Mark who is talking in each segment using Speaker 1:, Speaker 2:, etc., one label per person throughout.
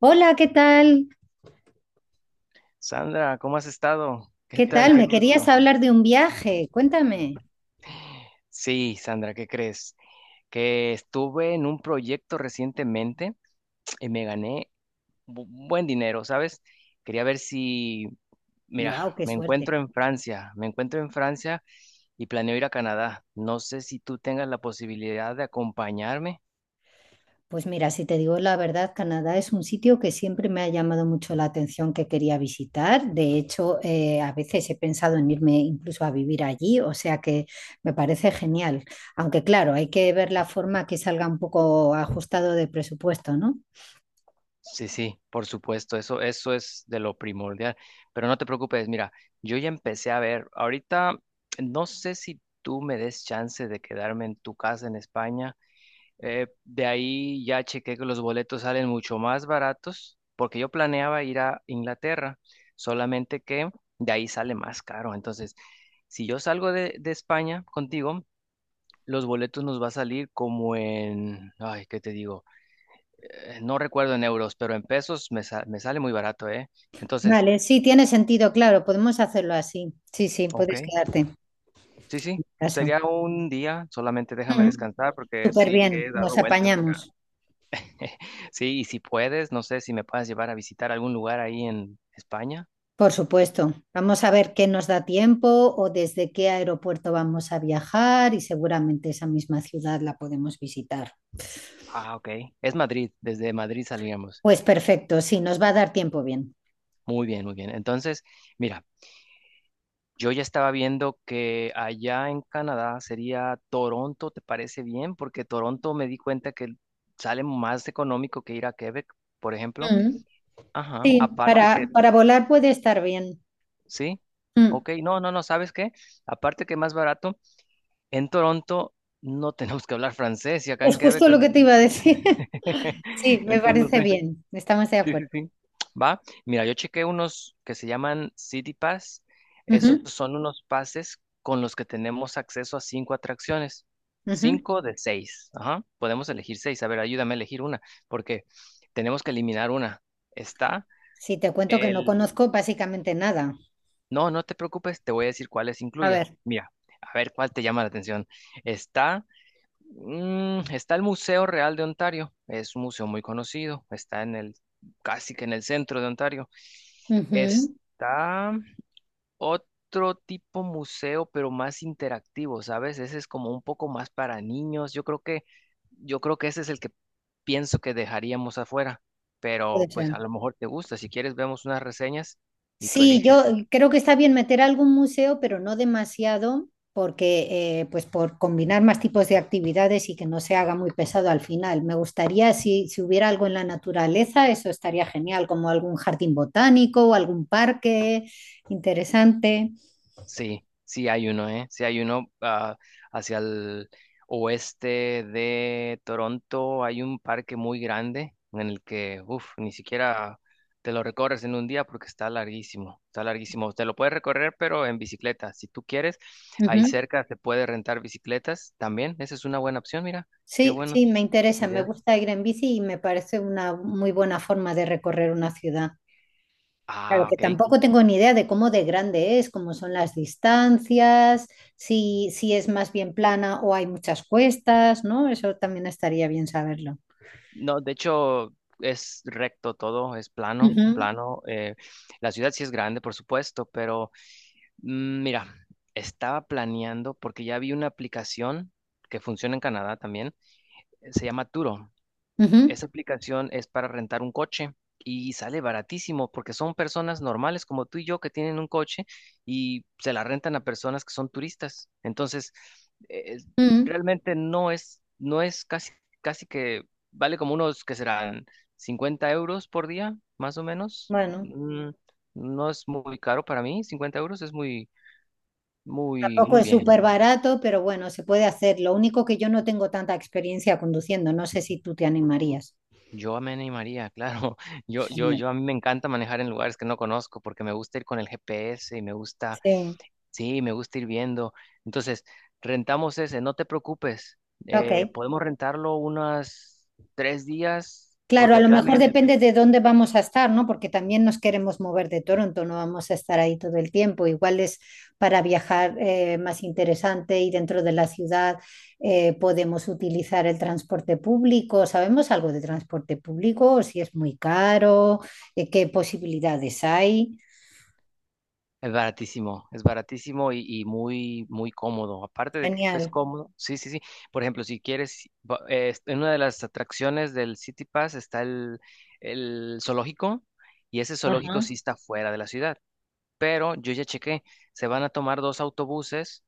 Speaker 1: Hola, ¿qué tal?
Speaker 2: Sandra, ¿cómo has estado? ¿Qué
Speaker 1: ¿Qué ¿Qué
Speaker 2: tal?
Speaker 1: tal? Me
Speaker 2: Qué
Speaker 1: tal? Querías
Speaker 2: gusto.
Speaker 1: hablar de un viaje. Cuéntame.
Speaker 2: Sí, Sandra, ¿qué crees? Que estuve en un proyecto recientemente y me gané buen dinero, ¿sabes? Quería ver si, mira,
Speaker 1: ¡Wow, qué
Speaker 2: me
Speaker 1: suerte!
Speaker 2: encuentro en Francia, me encuentro en Francia y planeo ir a Canadá. No sé si tú tengas la posibilidad de acompañarme.
Speaker 1: Pues mira, si te digo la verdad, Canadá es un sitio que siempre me ha llamado mucho la atención que quería visitar. De hecho, a veces he pensado en irme incluso a vivir allí, o sea que me parece genial. Aunque claro, hay que ver la forma que salga un poco ajustado de presupuesto, ¿no?
Speaker 2: Sí, sí, por supuesto, eso es de lo primordial. Pero no te preocupes, mira, yo ya empecé a ver, ahorita no sé si tú me des chance de quedarme en tu casa en España. De ahí ya chequé que los boletos salen mucho más baratos, porque yo planeaba ir a Inglaterra, solamente que de ahí sale más caro. Entonces, si yo salgo de España contigo, los boletos nos va a salir como en, ay, ¿qué te digo? No recuerdo en euros, pero en pesos me sale muy barato, ¿eh? Entonces,
Speaker 1: Vale, sí, tiene sentido, claro, podemos hacerlo así. Sí, sí,
Speaker 2: ok,
Speaker 1: puedes quedarte en
Speaker 2: sí, sí,
Speaker 1: casa.
Speaker 2: sería un día, solamente déjame
Speaker 1: Mm, mm,
Speaker 2: descansar porque
Speaker 1: súper
Speaker 2: sí
Speaker 1: bien,
Speaker 2: que he dado
Speaker 1: nos
Speaker 2: vueltas acá.
Speaker 1: apañamos.
Speaker 2: Sí, y si puedes, no sé si me puedas llevar a visitar algún lugar ahí en España.
Speaker 1: Por supuesto, vamos a ver qué nos da tiempo o desde qué aeropuerto vamos a viajar y seguramente esa misma ciudad la podemos visitar.
Speaker 2: Ah, ok. Es Madrid, desde Madrid salíamos.
Speaker 1: Pues perfecto, sí, nos va a dar tiempo bien.
Speaker 2: Muy bien, muy bien. Entonces, mira, yo ya estaba viendo que allá en Canadá sería Toronto, ¿te parece bien? Porque Toronto me di cuenta que sale más económico que ir a Quebec, por ejemplo.
Speaker 1: Mm,
Speaker 2: Ajá,
Speaker 1: sí,
Speaker 2: aparte que,
Speaker 1: para volar puede estar bien.
Speaker 2: sí,
Speaker 1: Mm,
Speaker 2: ok, no, no, no, ¿sabes qué? Aparte que más barato, en Toronto no tenemos que hablar francés y acá
Speaker 1: Es
Speaker 2: en Quebec,
Speaker 1: justo lo que te iba a decir. Sí, me
Speaker 2: entonces no
Speaker 1: parece
Speaker 2: sé,
Speaker 1: bien, estamos de
Speaker 2: sí, sí,
Speaker 1: acuerdo.
Speaker 2: sí, va. Mira, yo chequé unos que se llaman City Pass, esos
Speaker 1: Ujú,
Speaker 2: son unos pases con los que tenemos acceso a cinco atracciones,
Speaker 1: ujú.
Speaker 2: cinco de seis, ajá, podemos elegir seis, a ver, ayúdame a elegir una, porque tenemos que eliminar una, está...
Speaker 1: Sí, te cuento que no
Speaker 2: El,
Speaker 1: conozco básicamente nada.
Speaker 2: No, no te preocupes, te voy a decir cuáles
Speaker 1: A
Speaker 2: incluye.
Speaker 1: ver,
Speaker 2: Mira, a ver cuál te llama la atención. Está, está el Museo Real de Ontario, es un museo muy conocido, está casi que en el centro de Ontario.
Speaker 1: ujú,
Speaker 2: Está otro tipo museo, pero más interactivo, ¿sabes? Ese es como un poco más para niños. Yo creo que ese es el que pienso que dejaríamos afuera, pero
Speaker 1: puede
Speaker 2: pues
Speaker 1: ser.
Speaker 2: a lo mejor te gusta. Si quieres, vemos unas reseñas y tú
Speaker 1: Sí,
Speaker 2: eliges.
Speaker 1: yo creo que está bien meter algún museo, pero no demasiado, porque pues por combinar más tipos de actividades y que no se haga muy pesado al final. Me gustaría si, si hubiera algo en la naturaleza, eso estaría genial, como algún jardín botánico o algún parque interesante.
Speaker 2: Sí, sí hay uno, ¿eh? Sí hay uno hacia el oeste de Toronto. Hay un parque muy grande en el que, uff, ni siquiera te lo recorres en un día porque está larguísimo, está larguísimo. Te lo puedes recorrer, pero en bicicleta, si tú quieres. Ahí
Speaker 1: Ujú.
Speaker 2: cerca se puede rentar bicicletas también. Esa es una buena opción, mira, qué
Speaker 1: Sí,
Speaker 2: buenas
Speaker 1: sí, me interesa, me
Speaker 2: ideas.
Speaker 1: gusta ir en bici y me parece una muy buena forma de recorrer una ciudad. Claro,
Speaker 2: Ah,
Speaker 1: que
Speaker 2: ok.
Speaker 1: tampoco tengo ni idea de cómo de grande es, cómo son las distancias, si es más bien plana o hay muchas cuestas, ¿no? Eso también estaría bien saberlo.
Speaker 2: No, de hecho es recto todo, es plano,
Speaker 1: Ujú,
Speaker 2: plano. La ciudad sí es grande, por supuesto, pero mira, estaba planeando porque ya vi una aplicación que funciona en Canadá también. Se llama Turo.
Speaker 1: ujú,
Speaker 2: Esa aplicación es para rentar un coche y sale baratísimo porque son personas normales como tú y yo que tienen un coche y se la rentan a personas que son turistas. Entonces, eh,
Speaker 1: ujú.
Speaker 2: realmente no es casi, casi que vale como unos que serán 50 euros por día, más o menos.
Speaker 1: Bueno,
Speaker 2: No es muy caro para mí, 50 euros es muy muy,
Speaker 1: tampoco
Speaker 2: muy
Speaker 1: es
Speaker 2: bien.
Speaker 1: súper barato, pero bueno, se puede hacer. Lo único que yo no tengo tanta experiencia conduciendo, no sé si tú te animarías.
Speaker 2: Yo me animaría, claro. Yo, yo,
Speaker 1: Genial.
Speaker 2: yo a mí me encanta manejar en lugares que no conozco porque me gusta ir con el GPS y me gusta,
Speaker 1: Sí,
Speaker 2: sí, me gusta ir viendo. Entonces, rentamos ese, no te preocupes.
Speaker 1: ok.
Speaker 2: Podemos rentarlo unas 3 días
Speaker 1: Claro,
Speaker 2: porque
Speaker 1: a
Speaker 2: el
Speaker 1: lo
Speaker 2: plan,
Speaker 1: mejor depende de dónde vamos a estar, ¿no? Porque también nos queremos mover de Toronto, no vamos a estar ahí todo el tiempo. Igual es para viajar más interesante y dentro de la ciudad podemos utilizar el transporte público. ¿Sabemos algo de transporte público? ¿Si es muy caro? ¿Qué posibilidades hay?
Speaker 2: es baratísimo, es baratísimo muy, muy cómodo. Aparte de que es
Speaker 1: Genial.
Speaker 2: cómodo, sí, sí, sí. Por ejemplo, si quieres, en una de las atracciones del City Pass está el zoológico y ese zoológico sí
Speaker 1: Ajá.
Speaker 2: está fuera de la ciudad. Pero yo ya chequé, se van a tomar dos autobuses.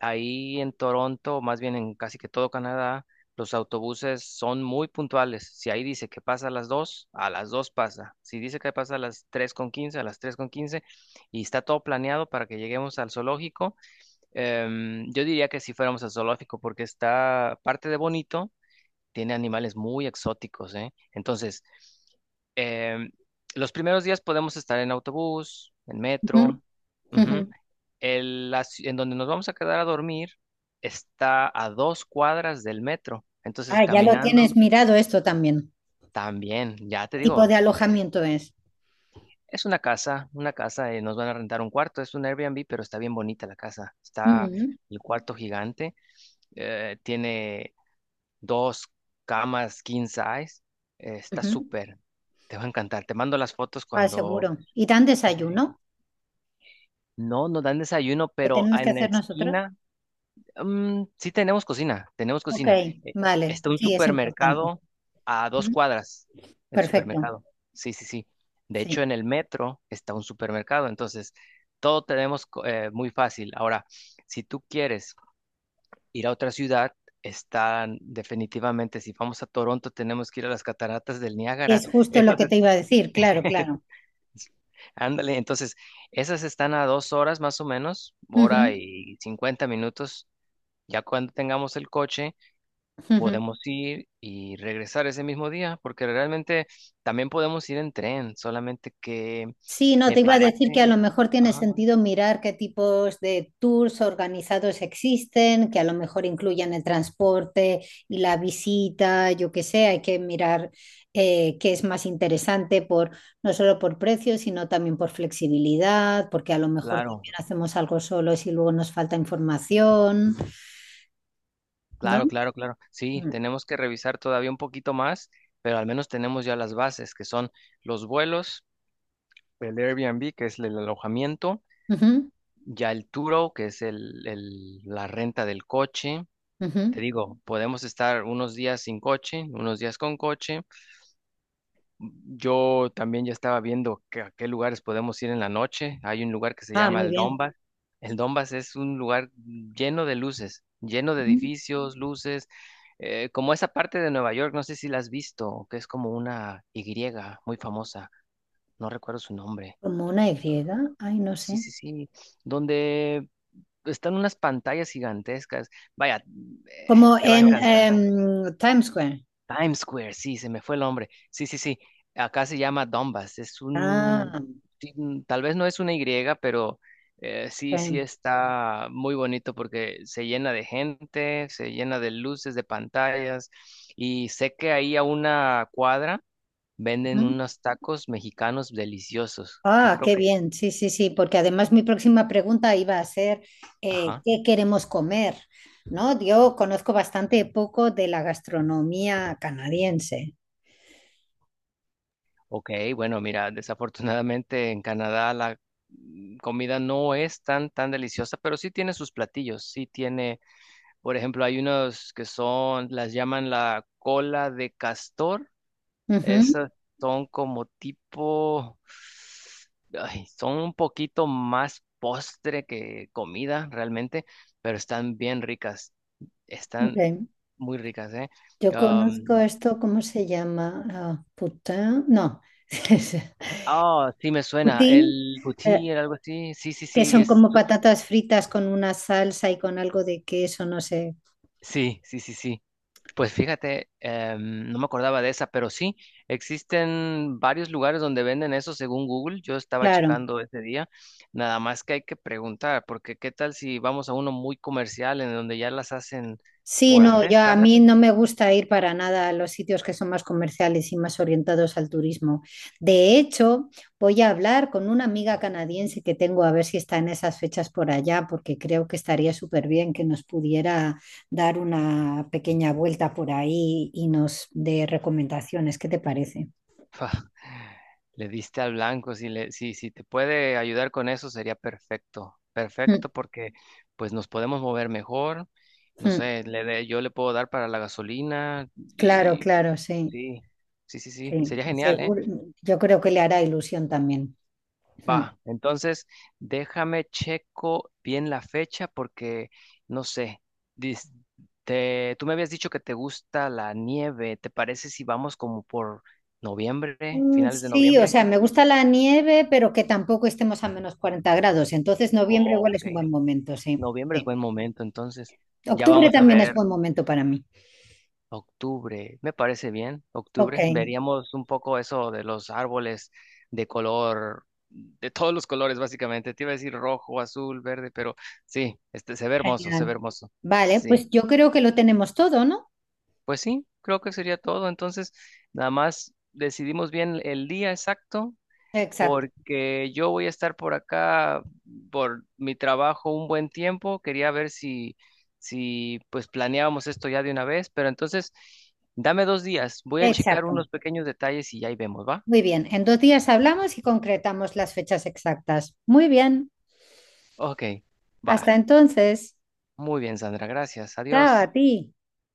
Speaker 2: Ahí en Toronto, más bien en casi que todo Canadá, los autobuses son muy puntuales. Si ahí dice que pasa a las 2 pasa. Si dice que pasa a las 3 con 15, a las 3 con 15 y está todo planeado para que lleguemos al zoológico. Yo diría que si fuéramos al zoológico, porque está parte de bonito, tiene animales muy exóticos, ¿eh? Entonces, em, los primeros días podemos estar en autobús, en
Speaker 1: Ujú,
Speaker 2: metro.
Speaker 1: ujú.
Speaker 2: Ujú, en donde nos vamos a quedar a dormir está a 2 cuadras del metro. Entonces,
Speaker 1: Ah, ya lo tienes
Speaker 2: caminando
Speaker 1: mirado esto también.
Speaker 2: también, ya te
Speaker 1: ¿Qué
Speaker 2: digo,
Speaker 1: tipo de
Speaker 2: es eh,
Speaker 1: alojamiento es?
Speaker 2: es una casa, nos van a rentar un cuarto, es un Airbnb, pero está bien bonita la casa. Está
Speaker 1: Ujú,
Speaker 2: el cuarto gigante, tiene dos camas king size, está
Speaker 1: ujú.
Speaker 2: súper, te va a encantar. Te mando las fotos
Speaker 1: Ah,
Speaker 2: cuando...
Speaker 1: seguro. ¿Y dan
Speaker 2: Sí, sí, sí.
Speaker 1: desayuno?
Speaker 2: No, nos dan desayuno,
Speaker 1: ¿Lo
Speaker 2: pero
Speaker 1: tenemos que
Speaker 2: en la
Speaker 1: hacer nosotros?
Speaker 2: esquina sí tenemos cocina, tenemos
Speaker 1: Ok,
Speaker 2: cocina.
Speaker 1: vale,
Speaker 2: Está un
Speaker 1: sí, es importante.
Speaker 2: supermercado a dos
Speaker 1: Ujú,
Speaker 2: cuadras, el
Speaker 1: perfecto,
Speaker 2: supermercado. Sí, sí, sí. De
Speaker 1: sí.
Speaker 2: hecho, en el metro está un supermercado, entonces todo tenemos muy fácil. Ahora, si tú quieres ir a otra ciudad, están definitivamente, si vamos a Toronto, tenemos que ir a las cataratas del Niágara.
Speaker 1: Es justo lo
Speaker 2: Esas,
Speaker 1: que te iba a decir, claro, claro.
Speaker 2: ándale, entonces, esas están a 2 horas más o menos,
Speaker 1: Ujú,
Speaker 2: hora y 50 minutos. Ya cuando tengamos el coche,
Speaker 1: ujú.
Speaker 2: podemos ir y regresar ese mismo día, porque realmente también podemos ir en tren, solamente que
Speaker 1: Sí, no,
Speaker 2: me
Speaker 1: te iba a decir que a
Speaker 2: parece,
Speaker 1: lo mejor tiene
Speaker 2: ajá,
Speaker 1: sentido mirar qué tipos de tours organizados existen, que a lo mejor incluyan el transporte y la visita, yo qué sé, hay que mirar qué es más interesante por, no solo por precio, sino también por flexibilidad, porque a lo mejor
Speaker 2: claro,
Speaker 1: también hacemos algo solo si luego nos falta información, ¿no?
Speaker 2: claro, claro, claro. Sí,
Speaker 1: Mm.
Speaker 2: tenemos que revisar todavía un poquito más, pero al menos tenemos ya las bases, que son los vuelos, el Airbnb, que es el alojamiento,
Speaker 1: Ujú,
Speaker 2: ya el Turo, que es la renta del coche.
Speaker 1: ujú.
Speaker 2: Te digo, podemos estar unos días sin coche, unos días con coche. Yo también ya estaba viendo que a qué lugares podemos ir en la noche. Hay un lugar que se
Speaker 1: Ah,
Speaker 2: llama
Speaker 1: muy
Speaker 2: el
Speaker 1: bien.
Speaker 2: Dombas. El Dombas es un lugar lleno de luces, lleno de
Speaker 1: Ujú.
Speaker 2: edificios, luces, como esa parte de Nueva York, no sé si la has visto, que es como una Y muy famosa, no recuerdo su nombre.
Speaker 1: Como una Y, ay, no
Speaker 2: Sí,
Speaker 1: sé.
Speaker 2: sí, sí, donde están unas pantallas gigantescas. Vaya, eh,
Speaker 1: Como
Speaker 2: te va a
Speaker 1: en
Speaker 2: encantar.
Speaker 1: Times Square.
Speaker 2: Times Square, sí, se me fue el nombre. Sí, sí, sí. Acá se llama Donbass. Es
Speaker 1: Ah,
Speaker 2: un, ti- mm, tal vez no es una Y, pero sí, sí
Speaker 1: ok.
Speaker 2: está muy bonito porque se llena de gente, se llena de luces, de pantallas. Y sé que ahí a una cuadra venden
Speaker 1: Ujú.
Speaker 2: unos tacos mexicanos deliciosos, que
Speaker 1: Ah,
Speaker 2: creo
Speaker 1: qué
Speaker 2: que,
Speaker 1: bien, sí, sí, sí, porque además mi próxima pregunta iba a ser,
Speaker 2: ajá.
Speaker 1: ¿qué queremos comer? ¿No? Yo conozco bastante poco de la gastronomía canadiense.
Speaker 2: Ok, bueno, mira, desafortunadamente en Canadá la comida no es tan, tan deliciosa, pero sí tiene sus platillos, sí tiene. Por ejemplo, hay unos que son, las llaman la cola de castor.
Speaker 1: Ujú,
Speaker 2: Esas son como tipo, ay, son un poquito más postre que comida realmente, pero están bien ricas.
Speaker 1: ok.
Speaker 2: Están muy ricas, ¿eh?
Speaker 1: Yo conozco
Speaker 2: Am,
Speaker 1: esto, ¿cómo se llama? Ah, putin, no,
Speaker 2: Ah, sí me suena.
Speaker 1: Putin.
Speaker 2: El
Speaker 1: eh,
Speaker 2: poutine, era algo así. Sí, sí,
Speaker 1: que
Speaker 2: sí.
Speaker 1: son como patatas fritas con una salsa y con algo de queso, no sé.
Speaker 2: Sí, sí, sí, sí. Pues fíjate, no me acordaba de esa, pero sí, existen varios lugares donde venden eso según Google. Yo estaba
Speaker 1: Claro.
Speaker 2: checando ese día, nada más que hay que preguntar, porque qué tal si vamos a uno muy comercial en donde ya las hacen
Speaker 1: Sí,
Speaker 2: por
Speaker 1: no,
Speaker 2: hacer,
Speaker 1: yo a
Speaker 2: ¿sabes?
Speaker 1: mí no me gusta ir para nada a los sitios que son más comerciales y más orientados al turismo. De hecho, voy a hablar con una amiga canadiense que tengo a ver si está en esas fechas por allá, porque creo que estaría súper bien que nos pudiera dar una pequeña vuelta por ahí y nos dé recomendaciones. ¿Qué te parece?
Speaker 2: Le diste al blanco, si le, si, si te puede ayudar con eso sería perfecto,
Speaker 1: Mm,
Speaker 2: perfecto porque pues nos podemos mover mejor, no
Speaker 1: mm.
Speaker 2: sé, yo le puedo dar para la gasolina
Speaker 1: Claro,
Speaker 2: y
Speaker 1: claro, sí,
Speaker 2: sí, sí, sí, sí,
Speaker 1: sí.
Speaker 2: sería genial, ¿eh?
Speaker 1: Seguro, yo creo que le hará ilusión también. Mm.
Speaker 2: Va, entonces déjame checo bien la fecha porque no sé. dis- tú me habías dicho que te gusta la nieve. ¿Te parece si vamos como por noviembre,
Speaker 1: Mm,
Speaker 2: finales de
Speaker 1: sí, o
Speaker 2: noviembre?
Speaker 1: sea, me gusta la nieve, pero que tampoco estemos a -40 grados. Entonces, noviembre
Speaker 2: Oh,
Speaker 1: igual
Speaker 2: ok.
Speaker 1: es un buen momento, sí.
Speaker 2: Noviembre es
Speaker 1: Sí.
Speaker 2: buen momento, entonces ya
Speaker 1: Octubre
Speaker 2: vamos a
Speaker 1: también es
Speaker 2: ver.
Speaker 1: buen momento para mí.
Speaker 2: Octubre, me parece bien,
Speaker 1: Ok,
Speaker 2: octubre. Veríamos un poco eso de los árboles de color, de todos los colores básicamente. Te iba a decir rojo, azul, verde, pero sí, este se ve hermoso, se ve
Speaker 1: genial.
Speaker 2: hermoso.
Speaker 1: Vale,
Speaker 2: Sí,
Speaker 1: pues yo creo que lo tenemos todo, ¿no?
Speaker 2: pues sí, creo que sería todo. Entonces, nada más decidimos bien el día exacto
Speaker 1: Exacto,
Speaker 2: porque yo voy a estar por acá por mi trabajo un buen tiempo. Quería ver si, si pues planeábamos esto ya de una vez, pero entonces dame 2 días. Voy a checar
Speaker 1: exacto.
Speaker 2: unos pequeños detalles y ya ahí vemos, ¿va?
Speaker 1: Muy bien, en 2 días hablamos y concretamos las fechas exactas. Muy bien,
Speaker 2: Ok, va.
Speaker 1: hasta entonces.
Speaker 2: Muy bien, Sandra, gracias.
Speaker 1: Chao a
Speaker 2: Adiós.
Speaker 1: ti.